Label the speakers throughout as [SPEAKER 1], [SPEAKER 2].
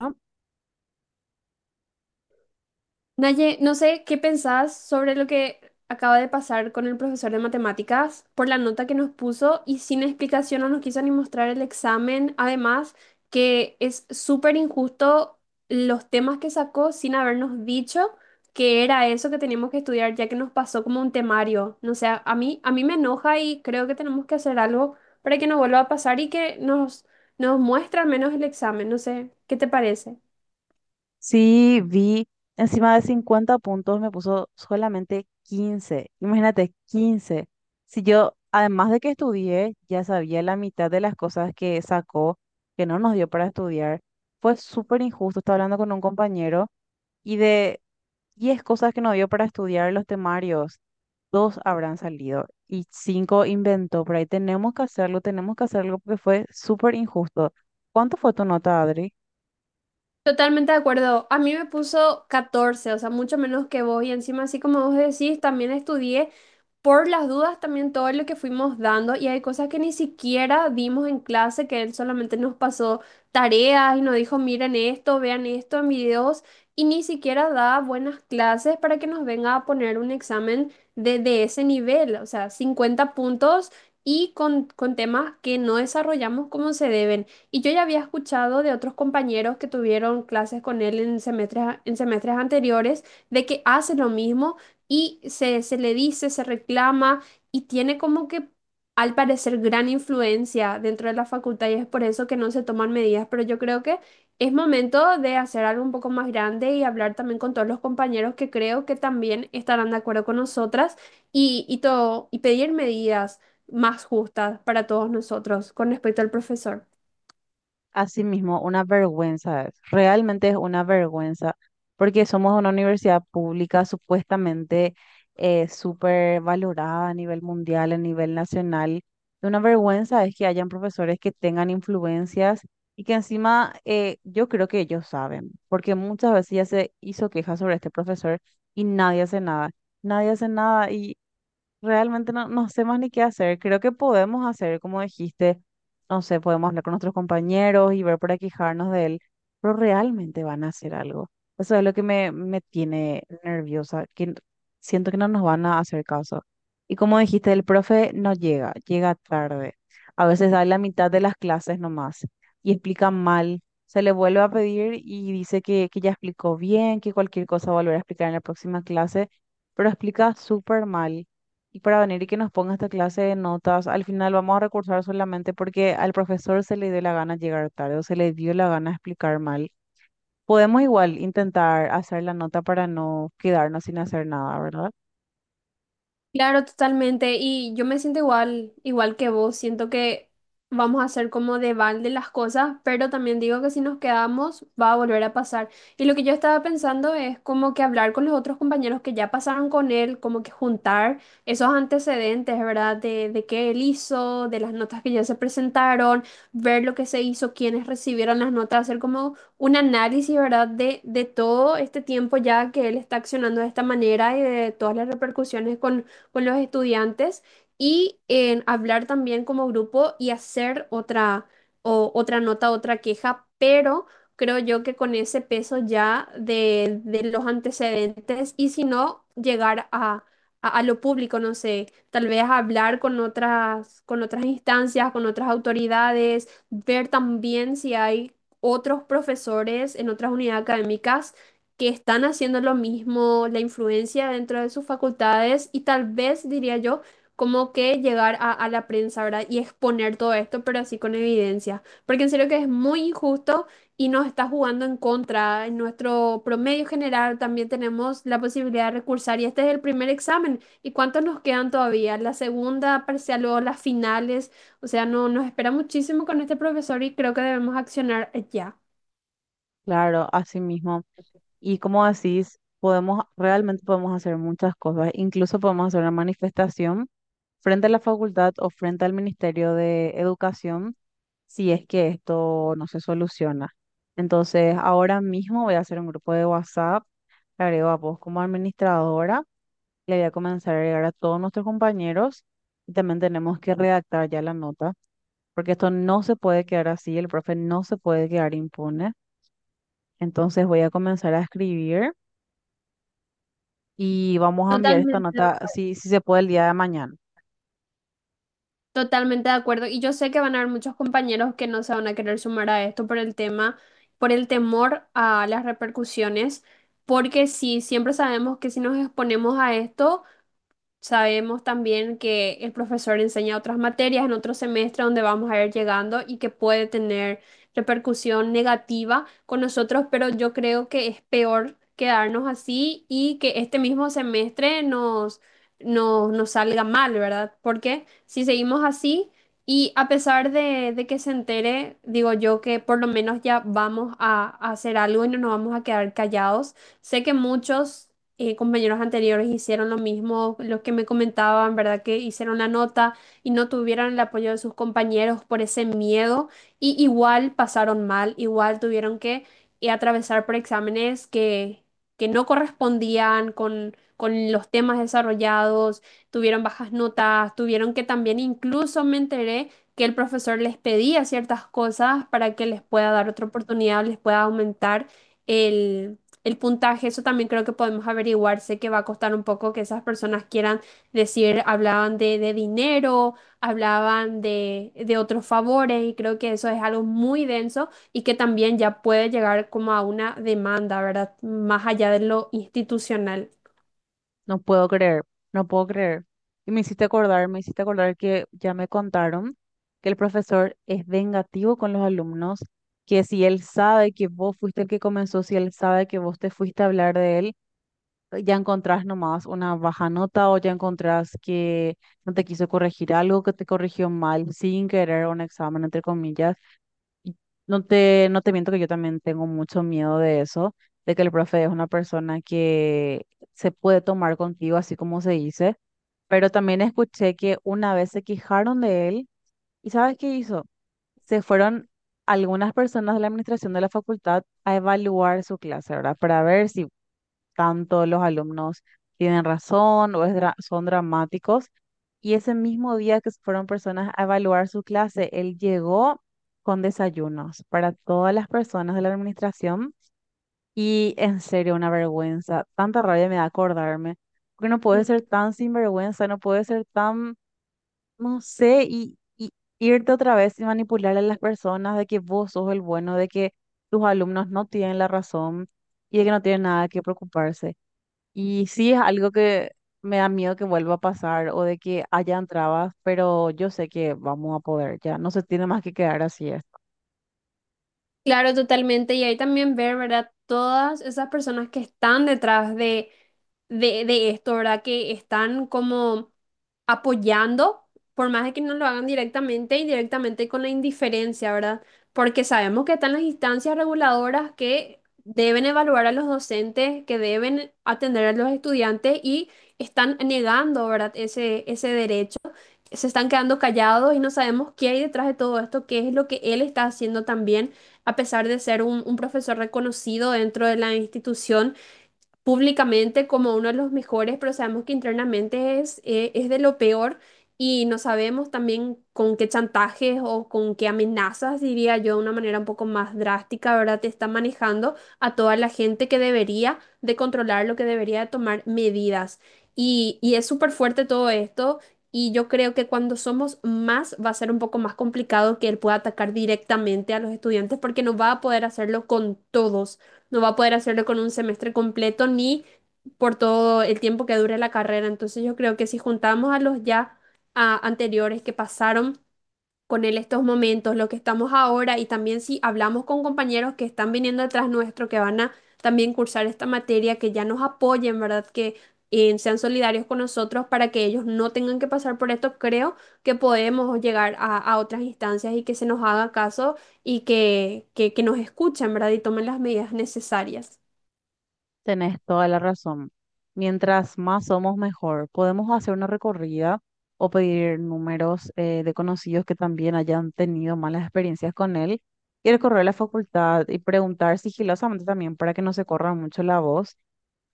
[SPEAKER 1] ¿No?
[SPEAKER 2] Naye, no sé qué pensás sobre lo que acaba de pasar con el profesor de matemáticas por la nota que nos puso y sin explicación no nos quiso ni mostrar el examen. Además, que es súper injusto los temas que sacó sin habernos dicho que era eso que teníamos que estudiar, ya que nos pasó como un temario. No sé, a mí me enoja y creo que tenemos que hacer algo para que no vuelva a pasar y que nos muestre al menos el examen. No sé, ¿qué te parece?
[SPEAKER 1] Sí, vi encima de 50 puntos me puso solamente 15. Imagínate, 15. Si yo, además de que estudié, ya sabía la mitad de las cosas que sacó, que no nos dio para estudiar, fue súper injusto. Estaba hablando con un compañero y de 10 cosas que nos dio para estudiar los temarios, dos habrán salido y cinco inventó por ahí. Tenemos que hacerlo porque fue súper injusto. ¿Cuánto fue tu nota, Adri?
[SPEAKER 2] Totalmente de acuerdo. A mí me puso 14, o sea, mucho menos que vos. Y encima, así como vos decís, también estudié por las dudas también todo lo que fuimos dando. Y hay cosas que ni siquiera dimos en clase, que él solamente nos pasó tareas y nos dijo, miren esto, vean esto en videos. Y ni siquiera da buenas clases para que nos venga a poner un examen de ese nivel, o sea, 50 puntos y con temas que no desarrollamos como se deben. Y yo ya había escuchado de otros compañeros que tuvieron clases con él en en semestres anteriores de que hace lo mismo y se le dice, se reclama y tiene como que al parecer gran influencia dentro de la facultad y es por eso que no se toman medidas. Pero yo creo que es momento de hacer algo un poco más grande y hablar también con todos los compañeros que creo que también estarán de acuerdo con nosotras y todo, y pedir medidas más justas para todos nosotros con respecto al profesor.
[SPEAKER 1] Así mismo, una vergüenza es, realmente es una vergüenza, porque somos una universidad pública supuestamente, súper valorada a nivel mundial, a nivel nacional. Y una vergüenza es que hayan profesores que tengan influencias y que encima, yo creo que ellos saben, porque muchas veces ya se hizo queja sobre este profesor y nadie hace nada, nadie hace nada. Realmente no, no sé más ni qué hacer. Creo que podemos hacer, como dijiste, no sé, podemos hablar con nuestros compañeros y ver para quejarnos de él, pero realmente van a hacer algo. Eso es lo que me tiene nerviosa, siento que no nos van a hacer caso. Y como dijiste, el profe no llega, llega tarde. A veces da la mitad de las clases nomás y explica mal. Se le vuelve a pedir y dice que ya explicó bien, que cualquier cosa volverá a explicar en la próxima clase, pero explica súper mal, y para venir y que nos ponga esta clase de notas, al final vamos a recursar solamente porque al profesor se le dio la gana llegar tarde o se le dio la gana explicar mal. Podemos igual intentar hacer la nota para no quedarnos sin hacer nada, ¿verdad?
[SPEAKER 2] Claro, totalmente. Y yo me siento igual, igual que vos. Siento que vamos a hacer como de balde las cosas, pero también digo que si nos quedamos va a volver a pasar. Y lo que yo estaba pensando es como que hablar con los otros compañeros que ya pasaron con él, como que juntar esos antecedentes, ¿verdad? De qué él hizo, de las notas que ya se presentaron, ver lo que se hizo, quiénes recibieron las notas, hacer como un análisis, ¿verdad? De todo este tiempo ya que él está accionando de esta manera y de todas las repercusiones con los estudiantes y en hablar también como grupo y hacer otra nota, otra queja, pero creo yo que con ese peso ya de los antecedentes y si no, llegar a lo público, no sé, tal vez hablar con con otras instancias, con otras autoridades, ver también si hay otros profesores en otras unidades académicas que están haciendo lo mismo, la influencia dentro de sus facultades y tal vez, diría yo, como que llegar a la prensa, ¿verdad? Y exponer todo esto, pero así con evidencia. Porque en serio que es muy injusto y nos está jugando en contra. En nuestro promedio general también tenemos la posibilidad de recursar y este es el primer examen. ¿Y cuántos nos quedan todavía? La segunda parcial, luego las finales. O sea, no, nos espera muchísimo con este profesor y creo que debemos accionar ya.
[SPEAKER 1] Claro, así mismo. Y como decís, podemos, realmente podemos hacer muchas cosas. Incluso podemos hacer una manifestación frente a la facultad o frente al Ministerio de Educación si es que esto no se soluciona. Entonces, ahora mismo voy a hacer un grupo de WhatsApp, le agrego a vos como administradora, le voy a comenzar a agregar a todos nuestros compañeros y también tenemos que redactar ya la nota, porque esto no se puede quedar así, el profe no se puede quedar impune. Entonces, voy a comenzar a escribir y vamos a enviar esta
[SPEAKER 2] Totalmente, de-
[SPEAKER 1] nota,
[SPEAKER 2] acu-
[SPEAKER 1] si se puede, el día de mañana.
[SPEAKER 2] totalmente de acuerdo. Y yo sé que van a haber muchos compañeros que no se van a querer sumar a esto por el tema, por el temor a las repercusiones, porque sí, siempre sabemos que si nos exponemos a esto, sabemos también que el profesor enseña otras materias en otro semestre donde vamos a ir llegando y que puede tener repercusión negativa con nosotros, pero yo creo que es peor quedarnos así y que este mismo semestre nos salga mal, ¿verdad? Porque si seguimos así y a pesar de que se entere, digo yo que por lo menos ya vamos a hacer algo y no nos vamos a quedar callados. Sé que muchos compañeros anteriores hicieron lo mismo, los que me comentaban, ¿verdad? Que hicieron la nota y no tuvieron el apoyo de sus compañeros por ese miedo y igual pasaron mal, igual tuvieron que atravesar por que no correspondían con los temas desarrollados, tuvieron bajas notas, tuvieron que también incluso me enteré que el profesor les pedía ciertas cosas para que les pueda dar otra oportunidad, les pueda aumentar el puntaje, eso también creo que podemos averiguar. Sé que va a costar un poco que esas personas quieran decir, hablaban de dinero, hablaban de otros favores y creo que eso es algo muy denso y que también ya puede llegar como a una demanda, ¿verdad? Más allá de lo institucional.
[SPEAKER 1] No puedo creer, no puedo creer. Y me hiciste acordar que ya me contaron que el profesor es vengativo con los alumnos, que si él sabe que vos fuiste el que comenzó, si él sabe que vos te fuiste a hablar de él, ya encontrás nomás una baja nota o ya encontrás que no te quiso corregir algo, que te corrigió mal sin querer un examen, entre comillas. No te miento que yo también tengo mucho miedo de eso, de que el profe es una persona que se puede tomar contigo, así como se dice, pero también escuché que una vez se quejaron de él. ¿Y sabes qué hizo? Se fueron algunas personas de la administración de la facultad a evaluar su clase, ¿verdad? Para ver si tanto los alumnos tienen razón o son dramáticos. Y ese mismo día que fueron personas a evaluar su clase, él llegó con desayunos para todas las personas de la administración, y en serio una vergüenza, tanta rabia me da acordarme, porque no puede
[SPEAKER 2] Sí,
[SPEAKER 1] ser tan sinvergüenza, no puede ser tan, no sé, y irte otra vez y manipular a las personas de que vos sos el bueno, de que tus alumnos no tienen la razón y de que no tienen nada que preocuparse. Y sí, es algo que me da miedo que vuelva a pasar o de que hayan trabas, pero yo sé que vamos a poder, ya no se tiene más que quedar así es.
[SPEAKER 2] claro, totalmente. Y ahí también ver, ¿verdad? Todas esas personas que están detrás de esto, ¿verdad? Que están como apoyando, por más de que no lo hagan directamente, indirectamente con la indiferencia, ¿verdad? Porque sabemos que están las instancias reguladoras que deben evaluar a los docentes, que deben atender a los estudiantes y están negando, ¿verdad? Ese derecho se están quedando callados y no sabemos qué hay detrás de todo esto, qué es lo que él está haciendo también, a pesar de ser un profesor reconocido dentro de la institución públicamente como uno de los mejores, pero sabemos que internamente es de lo peor y no sabemos también con qué chantajes o con qué amenazas, diría yo, de una manera un poco más drástica, ¿verdad? Te está manejando a toda la gente que debería de controlar, lo que debería de tomar medidas. Y es súper fuerte todo esto. Y yo creo que cuando somos más va a ser un poco más complicado que él pueda atacar directamente a los estudiantes porque no va a poder hacerlo con todos, no va a poder hacerlo con un semestre completo ni por todo el tiempo que dure la carrera. Entonces yo creo que si juntamos a anteriores que pasaron con él estos momentos, lo que estamos ahora y también si hablamos con compañeros que están viniendo detrás nuestro, que van a también cursar esta materia, que ya nos apoyen, ¿verdad? Que sean solidarios con nosotros para que ellos no tengan que pasar por esto, creo que podemos llegar a otras instancias y que se nos haga caso y que nos escuchen, ¿verdad? Y tomen las medidas necesarias.
[SPEAKER 1] Tenés toda la razón. Mientras más somos, mejor. Podemos hacer una recorrida o pedir números de conocidos que también hayan tenido malas experiencias con él y recorrer la facultad y preguntar sigilosamente también para que no se corra mucho la voz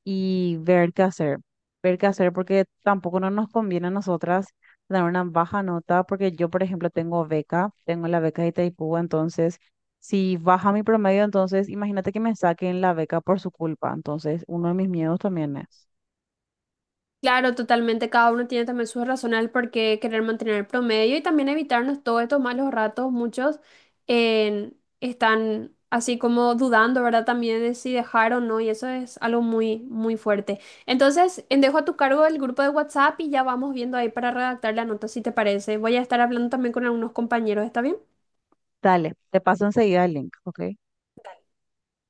[SPEAKER 1] y ver qué hacer. Ver qué hacer porque tampoco no nos conviene a nosotras dar una baja nota porque yo, por ejemplo, tengo beca, tengo la beca de Itaipú, entonces si baja mi promedio, entonces imagínate que me saquen la beca por su culpa. Entonces, uno de mis miedos también es.
[SPEAKER 2] Claro, totalmente. Cada uno tiene también sus razones por qué querer mantener el promedio y también evitarnos todos estos malos ratos. Muchos están así como dudando, ¿verdad? También de si dejar o no y eso es algo muy, muy fuerte. Entonces, dejo a tu cargo el grupo de WhatsApp y ya vamos viendo ahí para redactar la nota, si te parece. Voy a estar hablando también con algunos compañeros, ¿está bien?
[SPEAKER 1] Dale, te paso enseguida el link, ¿ok?